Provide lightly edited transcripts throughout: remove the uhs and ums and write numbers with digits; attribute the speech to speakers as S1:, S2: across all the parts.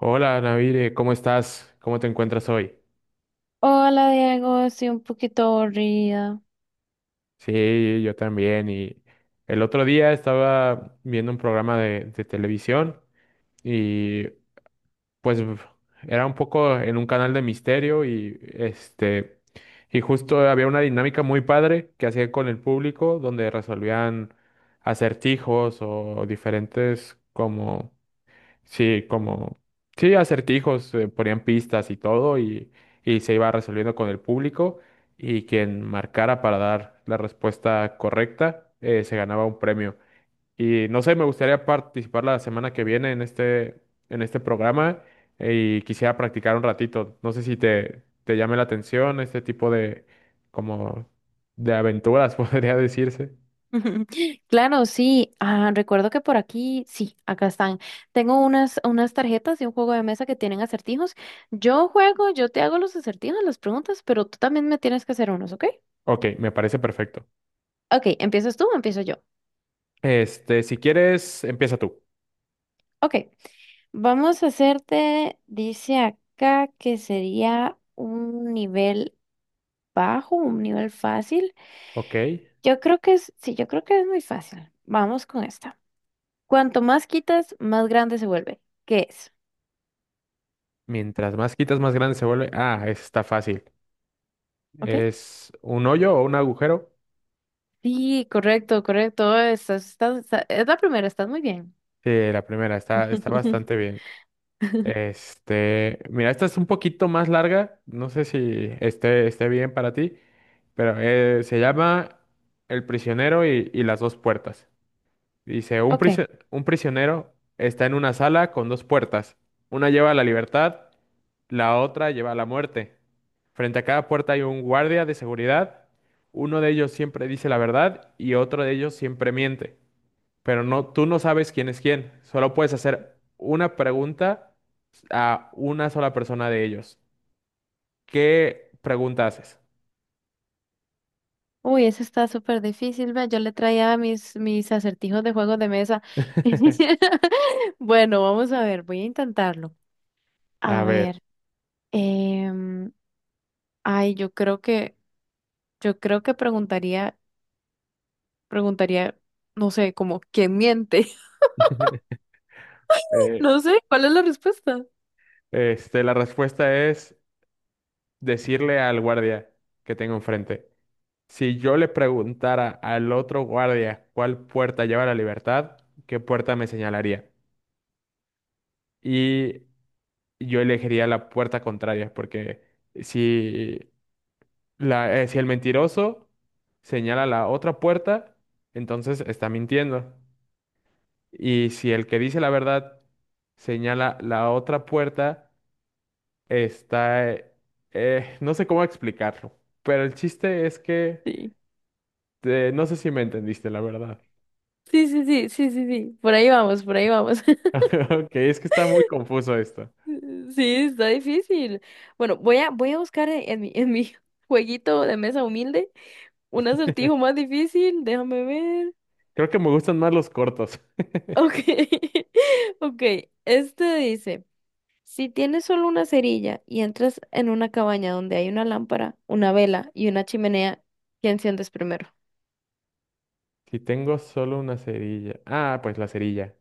S1: Hola, Navire, ¿cómo estás? ¿Cómo te encuentras hoy?
S2: Hola Diego, estoy un poquito aburrida.
S1: Sí, yo también. Y el otro día estaba viendo un programa de televisión y pues era un poco en un canal de misterio y y justo había una dinámica muy padre que hacían con el público donde resolvían acertijos o diferentes como sí, como, sí, acertijos, ponían pistas y todo, y se iba resolviendo con el público, y quien marcara para dar la respuesta correcta, se ganaba un premio. Y no sé, me gustaría participar la semana que viene en en este programa, y quisiera practicar un ratito. No sé si te llame la atención este tipo como, de aventuras, podría decirse.
S2: Claro, sí, ah, recuerdo que por aquí, sí, acá están. Tengo unas tarjetas de un juego de mesa que tienen acertijos. Yo juego, yo te hago los acertijos, las preguntas, pero tú también me tienes que hacer unos, ¿ok?
S1: Ok, me parece perfecto.
S2: Ok, ¿empiezas tú o empiezo yo?
S1: Este, si quieres, empieza tú.
S2: Ok, vamos a hacerte, dice acá que sería un nivel bajo, un nivel fácil.
S1: Ok.
S2: Yo creo que es, sí, yo creo que es muy fácil. Vamos con esta. Cuanto más quitas, más grande se vuelve. ¿Qué es?
S1: Mientras más quitas, más grande se vuelve. Ah, esa está fácil.
S2: ¿Ok?
S1: Es un hoyo o un agujero.
S2: Sí, correcto, correcto. Es la primera. Estás muy bien.
S1: Sí, la primera está, está bastante bien. Este, mira, esta es un poquito más larga. No sé si esté bien para ti, pero se llama El prisionero y las dos puertas. Dice,
S2: Ok.
S1: un prisionero está en una sala con dos puertas. Una lleva a la libertad. La otra lleva a la muerte. Frente a cada puerta hay un guardia de seguridad. Uno de ellos siempre dice la verdad y otro de ellos siempre miente. Pero no, tú no sabes quién es quién. Solo puedes hacer una pregunta a una sola persona de ellos. ¿Qué pregunta haces?
S2: Uy, eso está súper difícil. Ve, yo le traía mis acertijos de juegos de mesa. Bueno, vamos a ver, voy a intentarlo. A
S1: A ver,
S2: ver, em, ay, yo creo que, yo creo que preguntaría, no sé, como, ¿quién miente?
S1: eh,
S2: No sé, ¿cuál es la respuesta?
S1: la respuesta es decirle al guardia que tengo enfrente. Si yo le preguntara al otro guardia cuál puerta lleva a la libertad, ¿qué puerta me señalaría? Y yo elegiría la puerta contraria, porque si, si el mentiroso señala la otra puerta, entonces está mintiendo. Y si el que dice la verdad señala la otra puerta, está... no sé cómo explicarlo, pero el chiste es que...
S2: Sí.
S1: no sé si me entendiste, la verdad.
S2: Sí, sí, sí, sí, sí, sí. Por ahí vamos, por ahí vamos.
S1: Ok, es que está muy confuso esto.
S2: Sí, está difícil. Bueno, voy a buscar en mi jueguito de mesa humilde un acertijo más difícil. Déjame ver.
S1: Creo que me gustan más los cortos.
S2: Ok, ok. Este dice, si tienes solo una cerilla y entras en una cabaña donde hay una lámpara, una vela y una chimenea, ¿qué enciendes primero?
S1: Si tengo solo una cerilla. Ah, pues la cerilla.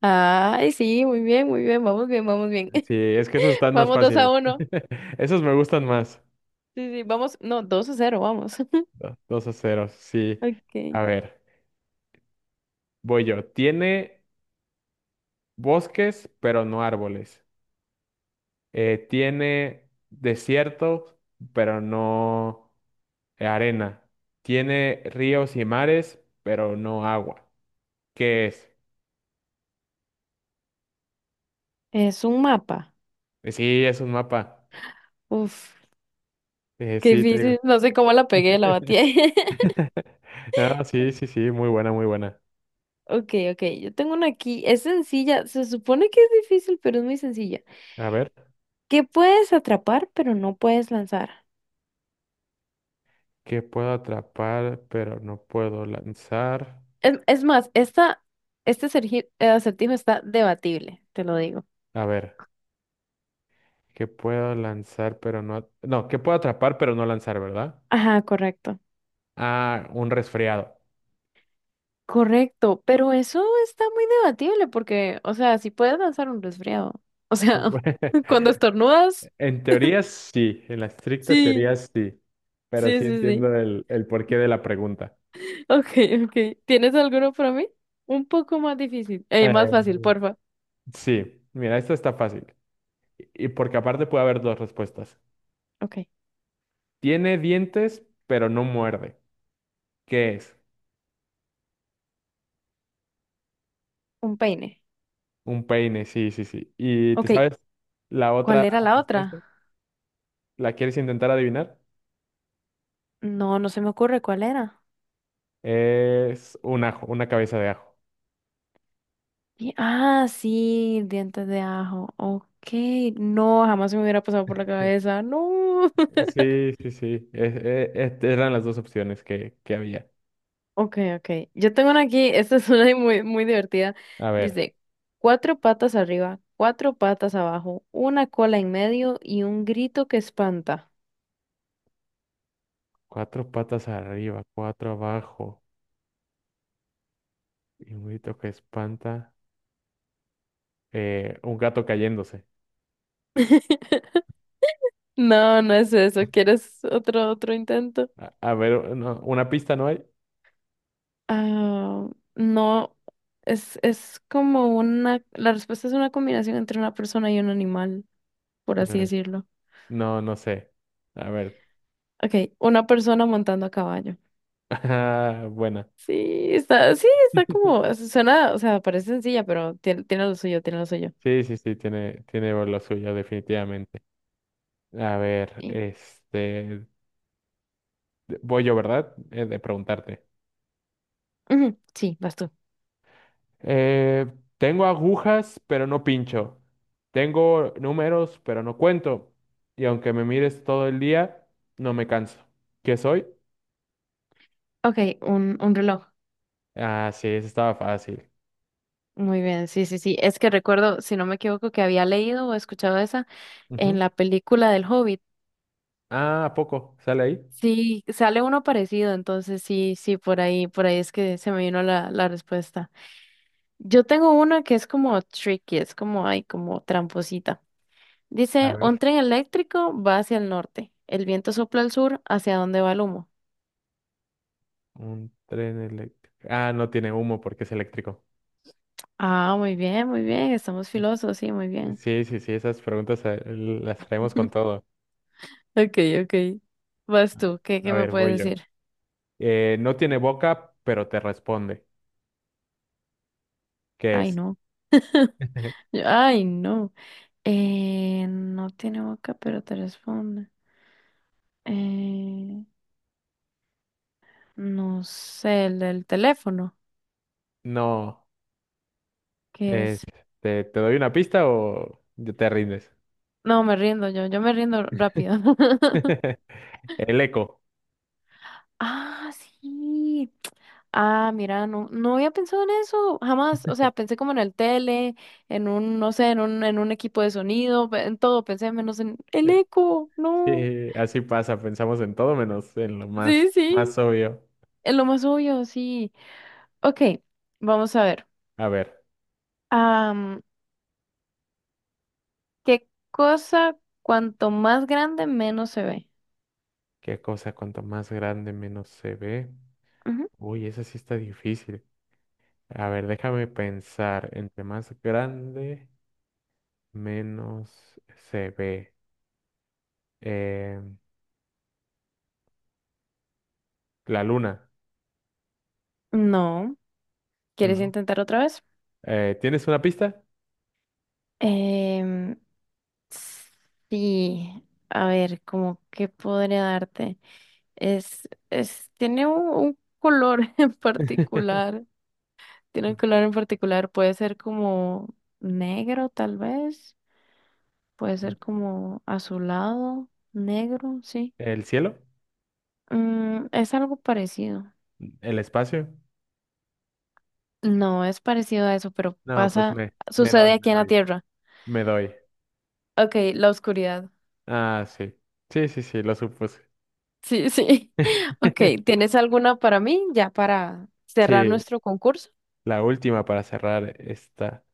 S2: Ay, sí, muy bien, muy bien. Vamos bien, vamos bien.
S1: Sí, es que esos están más
S2: Vamos dos a
S1: fáciles.
S2: uno.
S1: Esos me gustan
S2: Sí,
S1: más.
S2: sí, sí, vamos. No, 2-0, vamos.
S1: Dos a cero, sí. A
S2: Ok.
S1: ver, voy yo. Tiene bosques, pero no árboles. Tiene desierto, pero no arena. Tiene ríos y mares, pero no agua. ¿Qué es?
S2: Es un mapa.
S1: Sí, es un mapa.
S2: Uf, qué
S1: Sí, te digo.
S2: difícil. No sé cómo la pegué, la batí.
S1: Ah, sí, sí, sí, muy buena, muy buena.
S2: Ok, ok, yo tengo una aquí. Es sencilla. Se supone que es difícil, pero es muy sencilla.
S1: A ver,
S2: ¿Qué puedes atrapar, pero no puedes lanzar?
S1: ¿qué puedo atrapar, pero no puedo lanzar?
S2: Es más, acertijo está debatible, te lo digo.
S1: A ver, ¿qué puedo lanzar pero no... No, ¿qué puedo atrapar pero no lanzar, ¿verdad?
S2: Ajá, correcto.
S1: Ah, un resfriado.
S2: Correcto, pero eso está muy debatible porque, o sea, si puedes lanzar un resfriado. O sea,
S1: Bueno,
S2: cuando estornudas.
S1: en teoría sí, en la estricta
S2: Sí,
S1: teoría sí, pero
S2: sí,
S1: sí
S2: sí, sí.
S1: entiendo el porqué de la pregunta.
S2: Ok, ok. ¿Tienes alguno para mí? Un poco más difícil. Más
S1: Eh,
S2: fácil, porfa.
S1: sí, mira, esto está fácil. Y porque aparte puede haber dos respuestas.
S2: Ok.
S1: Tiene dientes, pero no muerde. ¿Qué es?
S2: Un peine.
S1: Un peine, sí, sí, sí. ¿Y te
S2: Ok.
S1: sabes la
S2: ¿Cuál
S1: otra
S2: era la
S1: respuesta?
S2: otra?
S1: ¿La quieres intentar adivinar?
S2: No, no se me ocurre cuál era.
S1: Es un ajo, una cabeza de ajo.
S2: Ah, sí, dientes de ajo. Ok. No, jamás se me hubiera pasado por la cabeza. No.
S1: Sí, sí, sí. Eran las dos opciones que había.
S2: Ok, ok. Yo tengo una aquí. Esta es una muy, muy divertida.
S1: A ver,
S2: Dice, cuatro patas arriba, cuatro patas abajo, una cola en medio y un grito que espanta.
S1: cuatro patas arriba, cuatro abajo, y un grito que espanta, un gato cayéndose.
S2: No, no es eso. ¿Quieres otro intento?
S1: A ver, no, ¿una pista no hay?
S2: Ah, no, es como la respuesta es una combinación entre una persona y un animal, por así
S1: Eh,
S2: decirlo.
S1: no, no sé. A ver.
S2: Ok, una persona montando a caballo.
S1: Ah, buena.
S2: Sí, sí, está como, suena, o sea, parece sencilla, pero tiene lo suyo, tiene lo suyo.
S1: Sí, sí, sí, tiene, tiene lo suyo, definitivamente. A ver,
S2: Sí.
S1: este, voy yo, ¿verdad? De preguntarte.
S2: Ujú, sí, vas tú.
S1: Eh, tengo agujas, pero no pincho. Tengo números, pero no cuento. Y aunque me mires todo el día, no me canso. ¿Qué soy?
S2: Ok, un reloj.
S1: Ah, sí, eso estaba fácil.
S2: Muy bien, sí, sí, sí. Es que recuerdo, si no me equivoco, que había leído o escuchado esa en
S1: Ujú.
S2: la película del Hobbit.
S1: Ah, ¿a poco? ¿Sale ahí?
S2: Sí, sale uno parecido, entonces sí, sí, por ahí es que se me vino la respuesta. Yo tengo una que es como tricky, es como, ay, como tramposita.
S1: A
S2: Dice, un
S1: ver.
S2: tren eléctrico va hacia el norte, el viento sopla al sur, ¿hacia dónde va el humo?
S1: Un tren eléctrico. Ah, no tiene humo porque es eléctrico.
S2: Ah, muy bien, estamos filosos, sí, muy bien.
S1: Sí, sí, sí, esas preguntas las traemos con todo.
S2: Ok, ok. Vas tú, ¿qué
S1: A
S2: me
S1: ver, voy
S2: puedes
S1: yo.
S2: decir?
S1: No tiene boca, pero te responde. ¿Qué
S2: Ay,
S1: es?
S2: no. Ay, no. No tiene boca, pero te responde. Eh, no sé, el del teléfono.
S1: No.
S2: ¿Qué
S1: Eh,
S2: es?
S1: ¿te doy una pista o ya te rindes?
S2: No, me rindo yo, yo me rindo rápido.
S1: El eco.
S2: Ah, sí. Ah, mira, no, no había pensado en eso, jamás. O sea, pensé como en el tele, no sé, en un equipo de sonido, en todo, pensé menos en el
S1: Eh,
S2: eco, no.
S1: Sí, así pasa, pensamos en todo menos en lo más,
S2: Sí,
S1: más
S2: sí,
S1: obvio.
S2: es lo más obvio, sí. Ok, vamos a ver.
S1: A ver,
S2: Am, ¿Qué cosa cuanto más grande menos se ve?
S1: ¿qué cosa cuanto más grande menos se ve?
S2: Ujú.
S1: Uy, esa sí está difícil. A ver, déjame pensar. Entre más grande, menos se ve. Eh, la luna,
S2: No, ¿quieres
S1: ¿no?
S2: intentar otra vez?
S1: ¿Tienes una pista?
S2: Em, Sí, a ver, como qué podría darte. Tiene un color en particular. Tiene un color en particular. Puede ser como negro, tal vez. Puede ser como azulado, negro, sí.
S1: ¿El cielo?
S2: Es algo parecido.
S1: ¿El espacio?
S2: No, es parecido a eso, pero
S1: No, pues
S2: sucede aquí en la Tierra.
S1: me doy.
S2: Ok, la oscuridad.
S1: Ah, sí. Sí, sí, sí, lo supuse.
S2: Sí, sí. Ok, ¿tienes alguna para mí ya para cerrar
S1: Sí,
S2: nuestro concurso?
S1: la última para cerrar esta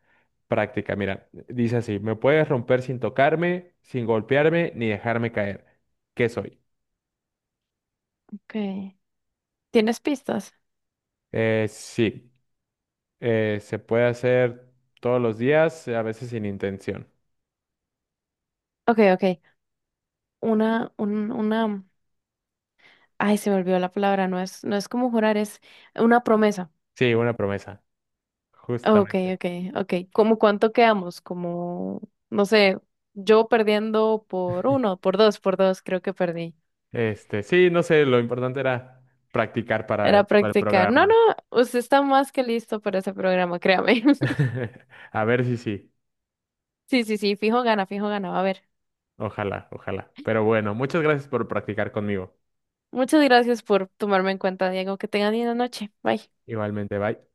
S1: práctica. Mira, dice así, me puedes romper sin tocarme, sin golpearme, ni dejarme caer. ¿Qué soy?
S2: Okay. ¿Tienes pistas?
S1: Eh, sí, se puede hacer todos los días, a veces sin intención.
S2: Ok, ok. Una, un, una. Ay, se me olvidó la palabra. No es como jurar, es una promesa.
S1: Sí, una promesa,
S2: Ok,
S1: justamente.
S2: ok, ok. ¿Cómo cuánto quedamos? Como, no sé, yo perdiendo por uno, por dos, creo que perdí.
S1: Este, sí, no sé, lo importante era practicar
S2: Era
S1: para el
S2: practicar. No,
S1: programa.
S2: no, usted está más que listo para ese programa, créame.
S1: A ver si sí.
S2: Sí, sí, sí, fijo gana, fijo gana. Va a ver.
S1: Ojalá, ojalá. Pero bueno, muchas gracias por practicar conmigo.
S2: Muchas gracias por tomarme en cuenta, Diego. Que tengan linda noche. Bye.
S1: Igualmente, bye.